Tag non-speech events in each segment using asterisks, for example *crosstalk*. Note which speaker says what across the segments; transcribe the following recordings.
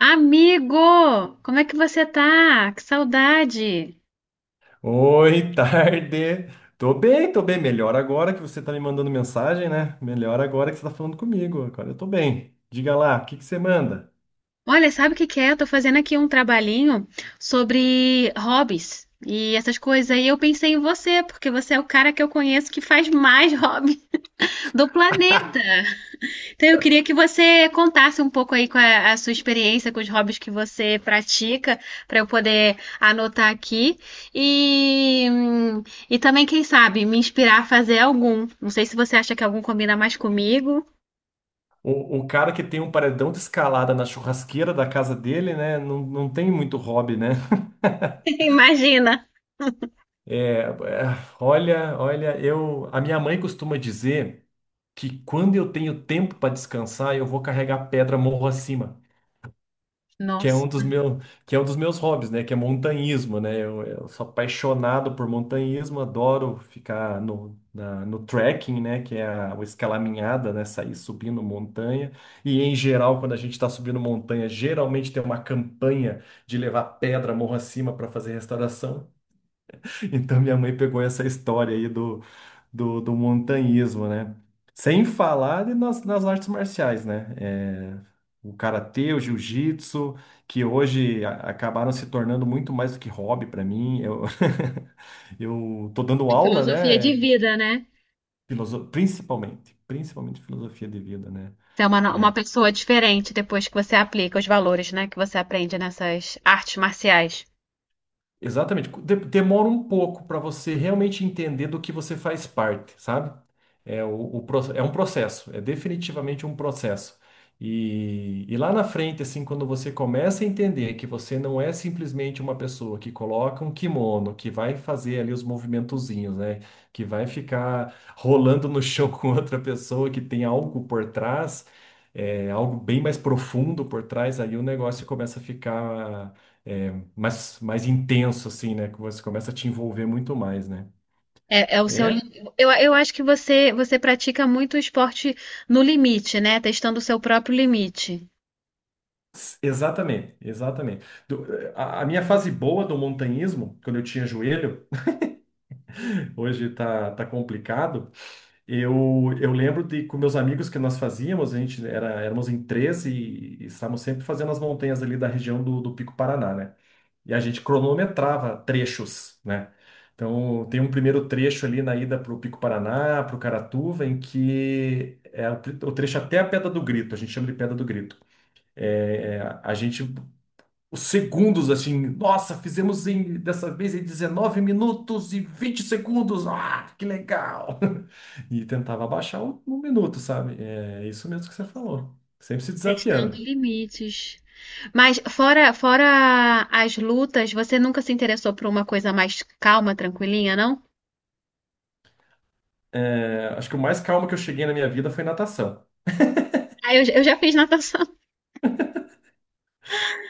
Speaker 1: Amigo, como é que você tá? Que saudade!
Speaker 2: Oi, *laughs* tarde. Tô bem, tô bem. Melhor agora que você tá me mandando mensagem, né? Melhor agora que você tá falando comigo. Agora eu tô bem. Diga lá, o que que você manda?
Speaker 1: Olha, sabe o que que é? Eu tô fazendo aqui um trabalhinho sobre hobbies e essas coisas. E eu pensei em você, porque você é o cara que eu conheço que faz mais *laughs* hobby do planeta. Então eu queria que você contasse um pouco aí com a sua experiência com os hobbies que você pratica, para eu poder anotar aqui. E, hum, e também, quem sabe, me inspirar a fazer algum. Não sei se você acha que algum combina mais comigo.
Speaker 2: O cara que tem um paredão de escalada na churrasqueira da casa dele, né? Não, não tem muito hobby, né?
Speaker 1: Imagina.
Speaker 2: É, é, olha, olha, a minha mãe costuma dizer que quando eu tenho tempo para descansar, eu vou carregar pedra morro acima. Que é
Speaker 1: Nossa,
Speaker 2: um dos meus, que é um dos meus hobbies, né? Que é montanhismo, né? Eu sou apaixonado por montanhismo, adoro ficar no trekking, né? Que é a, o escalaminhada, né? Sair subindo montanha. E em geral, quando a gente está subindo montanha, geralmente tem uma campanha de levar pedra morro acima para fazer restauração. *laughs* Então minha mãe pegou essa história aí do montanhismo, né? Sem falar de nas, nas artes marciais, né? É, o karatê, o jiu-jitsu, que hoje acabaram se tornando muito mais do que hobby para mim. *laughs* Eu tô dando
Speaker 1: é
Speaker 2: aula,
Speaker 1: filosofia de
Speaker 2: né?
Speaker 1: vida, né?
Speaker 2: Principalmente, principalmente filosofia de vida, né?
Speaker 1: Você é uma, no- uma pessoa diferente depois que você aplica os valores, né, que você aprende nessas artes marciais.
Speaker 2: Exatamente. Demora um pouco para você realmente entender do que você faz parte, sabe? É, é um processo, é definitivamente um processo. E lá na frente, assim, quando você começa a entender que você não é simplesmente uma pessoa que coloca um kimono, que vai fazer ali os movimentozinhos, né? Que vai ficar rolando no chão *laughs* com outra pessoa, que tem algo por trás, é, algo bem mais profundo por trás, aí o negócio começa a ficar. É, mais intenso, assim, né? Que você começa a te envolver muito mais, né?
Speaker 1: É o
Speaker 2: É,
Speaker 1: eu acho que você pratica muito esporte no limite, né? Testando o seu próprio limite.
Speaker 2: exatamente, exatamente. A minha fase boa do montanhismo, quando eu tinha joelho, *laughs* hoje tá complicado. Eu, eu lembro de com meus amigos que nós fazíamos, éramos em 13 e estávamos sempre fazendo as montanhas ali da região do Pico Paraná, né? E a gente cronometrava trechos, né? Então, tem um primeiro trecho ali na ida para o Pico Paraná, para o Caratuva, o trecho até a Pedra do Grito, a gente chama de Pedra do Grito. É, é, os segundos, assim, nossa, fizemos dessa vez em 19 minutos e 20 segundos, ah, que legal! *laughs* E tentava abaixar 1 minuto, sabe? É isso mesmo que você falou, sempre se
Speaker 1: Testando
Speaker 2: desafiando.
Speaker 1: limites. Mas fora as lutas, você nunca se interessou por uma coisa mais calma, tranquilinha, não?
Speaker 2: É, acho que o mais calmo que eu cheguei na minha vida foi natação.
Speaker 1: Ah, eu já fiz natação.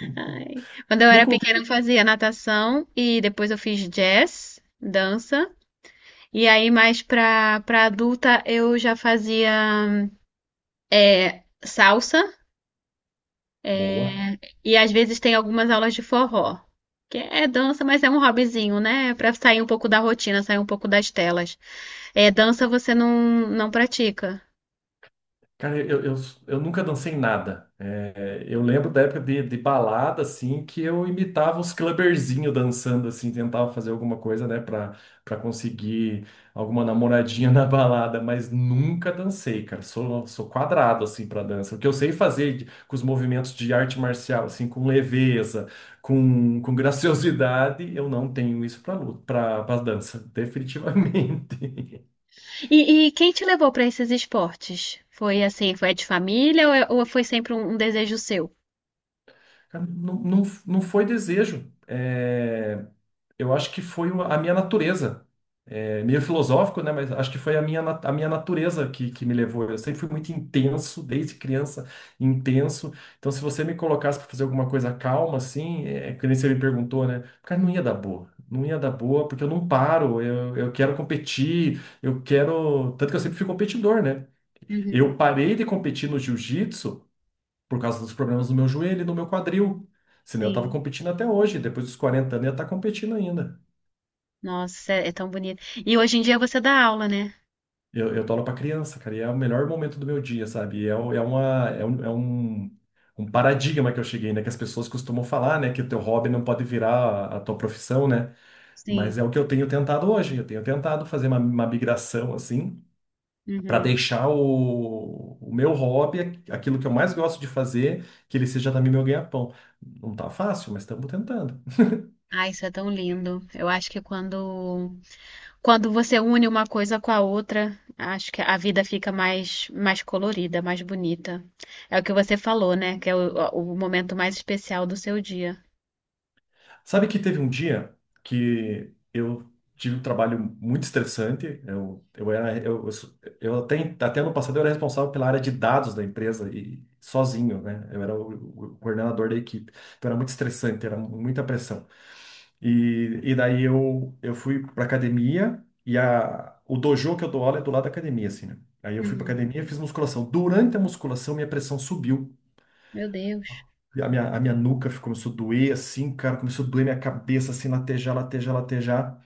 Speaker 2: Nunca.
Speaker 1: Ai. Quando eu era
Speaker 2: Nunca.
Speaker 1: pequena, eu fazia natação e depois eu fiz jazz, dança. E aí, mais pra adulta, eu já fazia salsa
Speaker 2: Boa.
Speaker 1: e às vezes tem algumas aulas de forró. Que é dança, mas é um hobbyzinho, né? É pra sair um pouco da rotina, sair um pouco das telas. É, dança você não pratica.
Speaker 2: Cara, eu nunca dancei nada. É, eu lembro da época de balada, assim, que eu imitava os clubberzinhos dançando, assim, tentava fazer alguma coisa, né, pra conseguir alguma namoradinha *laughs* na balada, mas nunca dancei, cara. Sou, sou quadrado, assim, pra dança. O que eu sei fazer com os movimentos de arte marcial, assim, com leveza, com graciosidade, eu não tenho isso pra luta, pra dança, *laughs* definitivamente.
Speaker 1: E quem te levou pra esses esportes? Foi assim, foi de família ou foi sempre um desejo seu?
Speaker 2: Cara, não, não, não foi desejo. É, eu acho que foi a minha natureza. É meio filosófico, né? Mas acho que foi a minha, a minha natureza que me levou. Eu sempre fui muito intenso, desde criança, intenso. Então, se você me colocasse para fazer alguma coisa calma, assim, é, é que nem você me perguntou, né? Cara, não ia dar boa. Não ia dar boa, porque eu não paro. Eu quero competir, eu quero. Tanto que eu sempre fui competidor, né?
Speaker 1: Uhum,
Speaker 2: Eu parei de competir no jiu-jitsu por causa dos problemas no meu joelho e no meu quadril. Senão eu tava
Speaker 1: sim.
Speaker 2: competindo até hoje, depois dos 40 anos eu ia estar competindo ainda.
Speaker 1: Nossa, é tão bonito. E hoje em dia você dá aula, né?
Speaker 2: Eu dou aula pra criança, cara, e é o melhor momento do meu dia, sabe? E É, o- é, uma, é um, um paradigma que eu cheguei, né? Que as pessoas costumam falar, né? Que o teu hobby não pode virar a tua profissão, né? Mas
Speaker 1: Sim.
Speaker 2: é o que eu tenho tentado hoje. Eu tenho tentado fazer uma migração, assim, para
Speaker 1: Uhum.
Speaker 2: deixar o meu hobby, aquilo que eu mais gosto de fazer, que ele seja também meu ganha-pão. Não tá fácil, mas estamos tentando.
Speaker 1: Ah, isso é tão lindo. Eu acho que quando você une uma coisa com a outra, acho que a vida fica mais colorida, mais bonita. É o que você falou, né? Que é o momento mais especial do seu dia.
Speaker 2: Sabe que teve um dia que eu tive um trabalho muito estressante. Eu era, eu, sou- Eu até ano passado eu era responsável pela área de dados da empresa e sozinho, né? Eu era o coordenador da equipe. Então era muito estressante, era muita pressão. E daí eu fui para academia e o dojo que eu dou aula é do lado da academia, assim, né? Aí eu fui para
Speaker 1: Uhum.
Speaker 2: academia, e fiz musculação. Durante a musculação, minha pressão subiu.
Speaker 1: Meu Deus.
Speaker 2: E a minha nuca começou a doer, assim, cara, começou a doer minha cabeça, assim, latejar, latejar, latejar.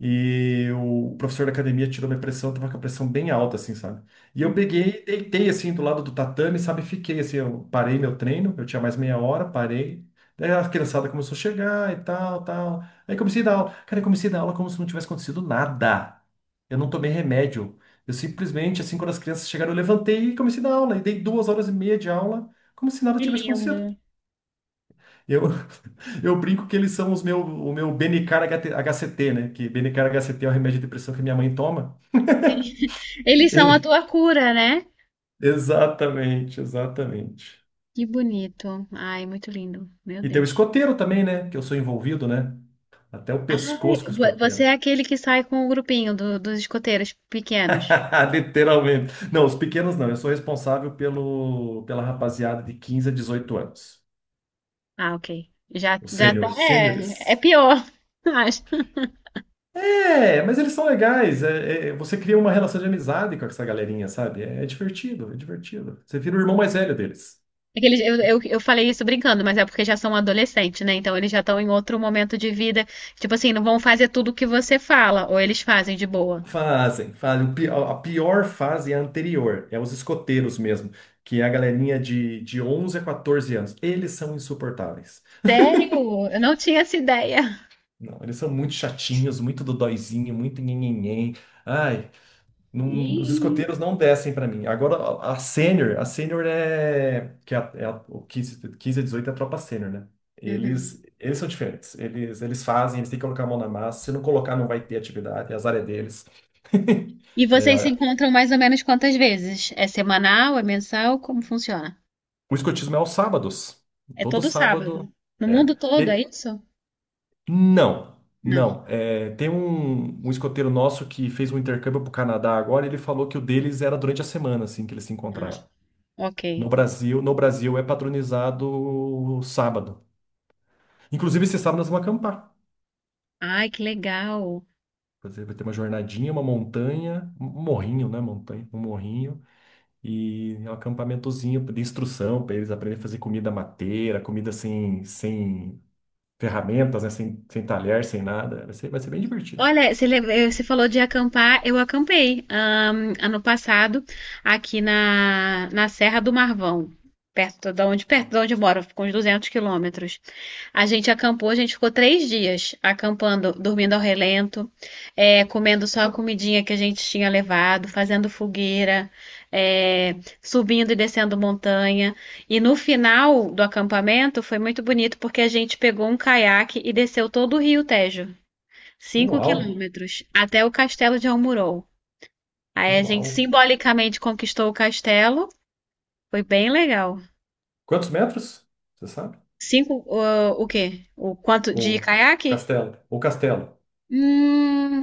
Speaker 2: E o professor da academia tirou minha pressão, eu tava com a pressão bem alta, assim, sabe? E eu
Speaker 1: Uhum.
Speaker 2: peguei, e deitei, assim, do lado do tatame, sabe? Fiquei, assim, eu parei meu treino, eu tinha mais meia hora, parei. Daí a criançada começou a chegar e tal, tal. Aí comecei a dar aula. Cara, eu comecei a dar aula como se não tivesse acontecido nada. Eu não tomei remédio. Eu simplesmente, assim, quando as crianças chegaram, eu levantei e comecei a dar aula. E dei 2 horas e meia de aula, como se nada
Speaker 1: Que
Speaker 2: tivesse acontecido.
Speaker 1: lindo.
Speaker 2: Eu, *laughs* eu brinco que eles são o meu Benicar HCT, né? Que Benicar HCT é o remédio de depressão que minha mãe toma.
Speaker 1: *laughs* Eles são a tua
Speaker 2: *laughs*
Speaker 1: cura, né?
Speaker 2: Exatamente, exatamente.
Speaker 1: Que bonito. Ai, muito lindo. Meu
Speaker 2: E tem o
Speaker 1: Deus.
Speaker 2: escoteiro também, né? Que eu sou envolvido, né? Até o pescoço com
Speaker 1: Ai,
Speaker 2: o
Speaker 1: você
Speaker 2: escoteiro.
Speaker 1: é aquele que sai com o grupinho dos escoteiros pequenos.
Speaker 2: *laughs* Literalmente. Não, os pequenos não. Eu sou responsável pela rapaziada de 15 a 18 anos.
Speaker 1: Ah, ok. Já,
Speaker 2: Os
Speaker 1: já tá.
Speaker 2: sêniores. Sêniores.
Speaker 1: É pior, *laughs* acho.
Speaker 2: É, mas eles são legais. Você cria uma relação de amizade com essa galerinha, sabe? É, é divertido, é divertido. Você vira o irmão mais velho deles.
Speaker 1: É que eu falei isso brincando, mas é porque já são adolescentes, né? Então eles já estão em outro momento de vida. Tipo assim, não vão fazer tudo o que você fala, ou eles fazem de boa.
Speaker 2: Fazem, fazem. A pior fase é a anterior, é os escoteiros mesmo, que é a galerinha de 11 a 14 anos. Eles são insuportáveis.
Speaker 1: Sério? Eu não tinha essa ideia.
Speaker 2: Não, eles são muito chatinhos, muito dodóizinho, muito nhenhenhen. Ai, os
Speaker 1: Ih.
Speaker 2: escoteiros não descem para mim. Agora, a sênior é, que é, a- é a- o 15 a 18 é a tropa sênior, né?
Speaker 1: Uhum.
Speaker 2: Eles são diferentes. Eles fazem, eles têm que colocar a mão na massa. Se não colocar, não vai ter atividade. Azar é deles. *laughs*
Speaker 1: E vocês
Speaker 2: É,
Speaker 1: se encontram mais ou menos quantas vezes? É semanal? É mensal? Como funciona?
Speaker 2: o escotismo é aos sábados.
Speaker 1: É
Speaker 2: Todo
Speaker 1: todo
Speaker 2: sábado.
Speaker 1: sábado. No mundo
Speaker 2: É.
Speaker 1: todo, é isso?
Speaker 2: Não,
Speaker 1: Não.
Speaker 2: não. É, tem um escoteiro nosso que fez um intercâmbio para o Canadá agora. E ele falou que o deles era durante a semana, assim, que eles se
Speaker 1: Ah.
Speaker 2: encontravam.
Speaker 1: Ok.
Speaker 2: No Brasil, no Brasil é patronizado sábado. Inclusive, esse sábado nós vamos acampar.
Speaker 1: Ai, que legal.
Speaker 2: Vai ter uma jornadinha, uma montanha, um morrinho, né? Montanha, um morrinho e um acampamentozinho de instrução para eles aprenderem a fazer comida mateira, comida sem ferramentas, né? Sem talher, sem nada. Vai ser bem divertido.
Speaker 1: Olha, você falou de acampar, eu acampei, ano passado aqui na Serra do Marvão, perto de onde eu moro, com uns 200 km. A gente acampou, a gente ficou 3 dias acampando, dormindo ao relento, comendo só a comidinha que a gente tinha levado, fazendo fogueira, é, subindo e descendo montanha. E no final do acampamento foi muito bonito porque a gente pegou um caiaque e desceu todo o Rio Tejo, cinco
Speaker 2: Uau!
Speaker 1: quilômetros, até o castelo de Almurol. Aí a gente
Speaker 2: Uau!
Speaker 1: simbolicamente conquistou o castelo, foi bem legal.
Speaker 2: Quantos metros? Você sabe?
Speaker 1: Cinco, o quê? O quanto
Speaker 2: Ou
Speaker 1: de caiaque?
Speaker 2: castelo? Ou castelo?
Speaker 1: Hum,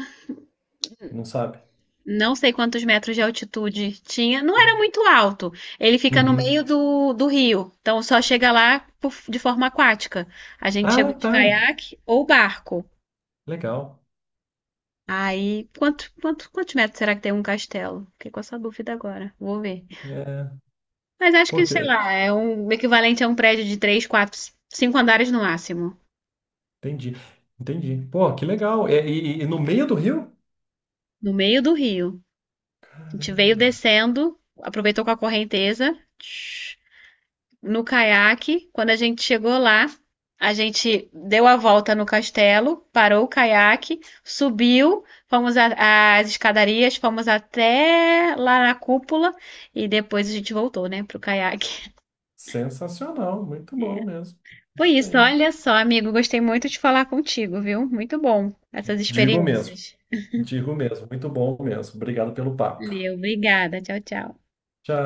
Speaker 2: Não sabe?
Speaker 1: não sei quantos metros de altitude tinha, não era muito alto. Ele fica no meio
Speaker 2: Uhum.
Speaker 1: do rio, então só chega lá de forma aquática. A gente chegou
Speaker 2: Ah,
Speaker 1: de
Speaker 2: tá.
Speaker 1: caiaque ou barco.
Speaker 2: Legal.
Speaker 1: Aí, quantos metros será que tem um castelo? Fiquei com essa dúvida agora, vou ver.
Speaker 2: É.
Speaker 1: Mas acho
Speaker 2: Pô,
Speaker 1: que, sei
Speaker 2: que...
Speaker 1: lá, é o equivalente a um prédio de três, quatro, cinco andares no máximo,
Speaker 2: Entendi, entendi. Pô, que legal. É, e, e no meio do rio?
Speaker 1: no meio do rio. A gente veio
Speaker 2: Caramba,
Speaker 1: descendo, aproveitou com a correnteza. No caiaque. Quando a gente chegou lá, a gente deu a volta no castelo, parou o caiaque, subiu, fomos às escadarias, fomos até lá na cúpula e depois a gente voltou, né, pro caiaque.
Speaker 2: sensacional, muito bom mesmo.
Speaker 1: *laughs* Foi
Speaker 2: Isso
Speaker 1: isso,
Speaker 2: aí.
Speaker 1: olha só, amigo, gostei muito de falar contigo, viu? Muito bom essas
Speaker 2: Digo mesmo,
Speaker 1: experiências.
Speaker 2: digo mesmo, muito bom mesmo. Obrigado pelo papo.
Speaker 1: Valeu, obrigada. Tchau, tchau.
Speaker 2: Tchau.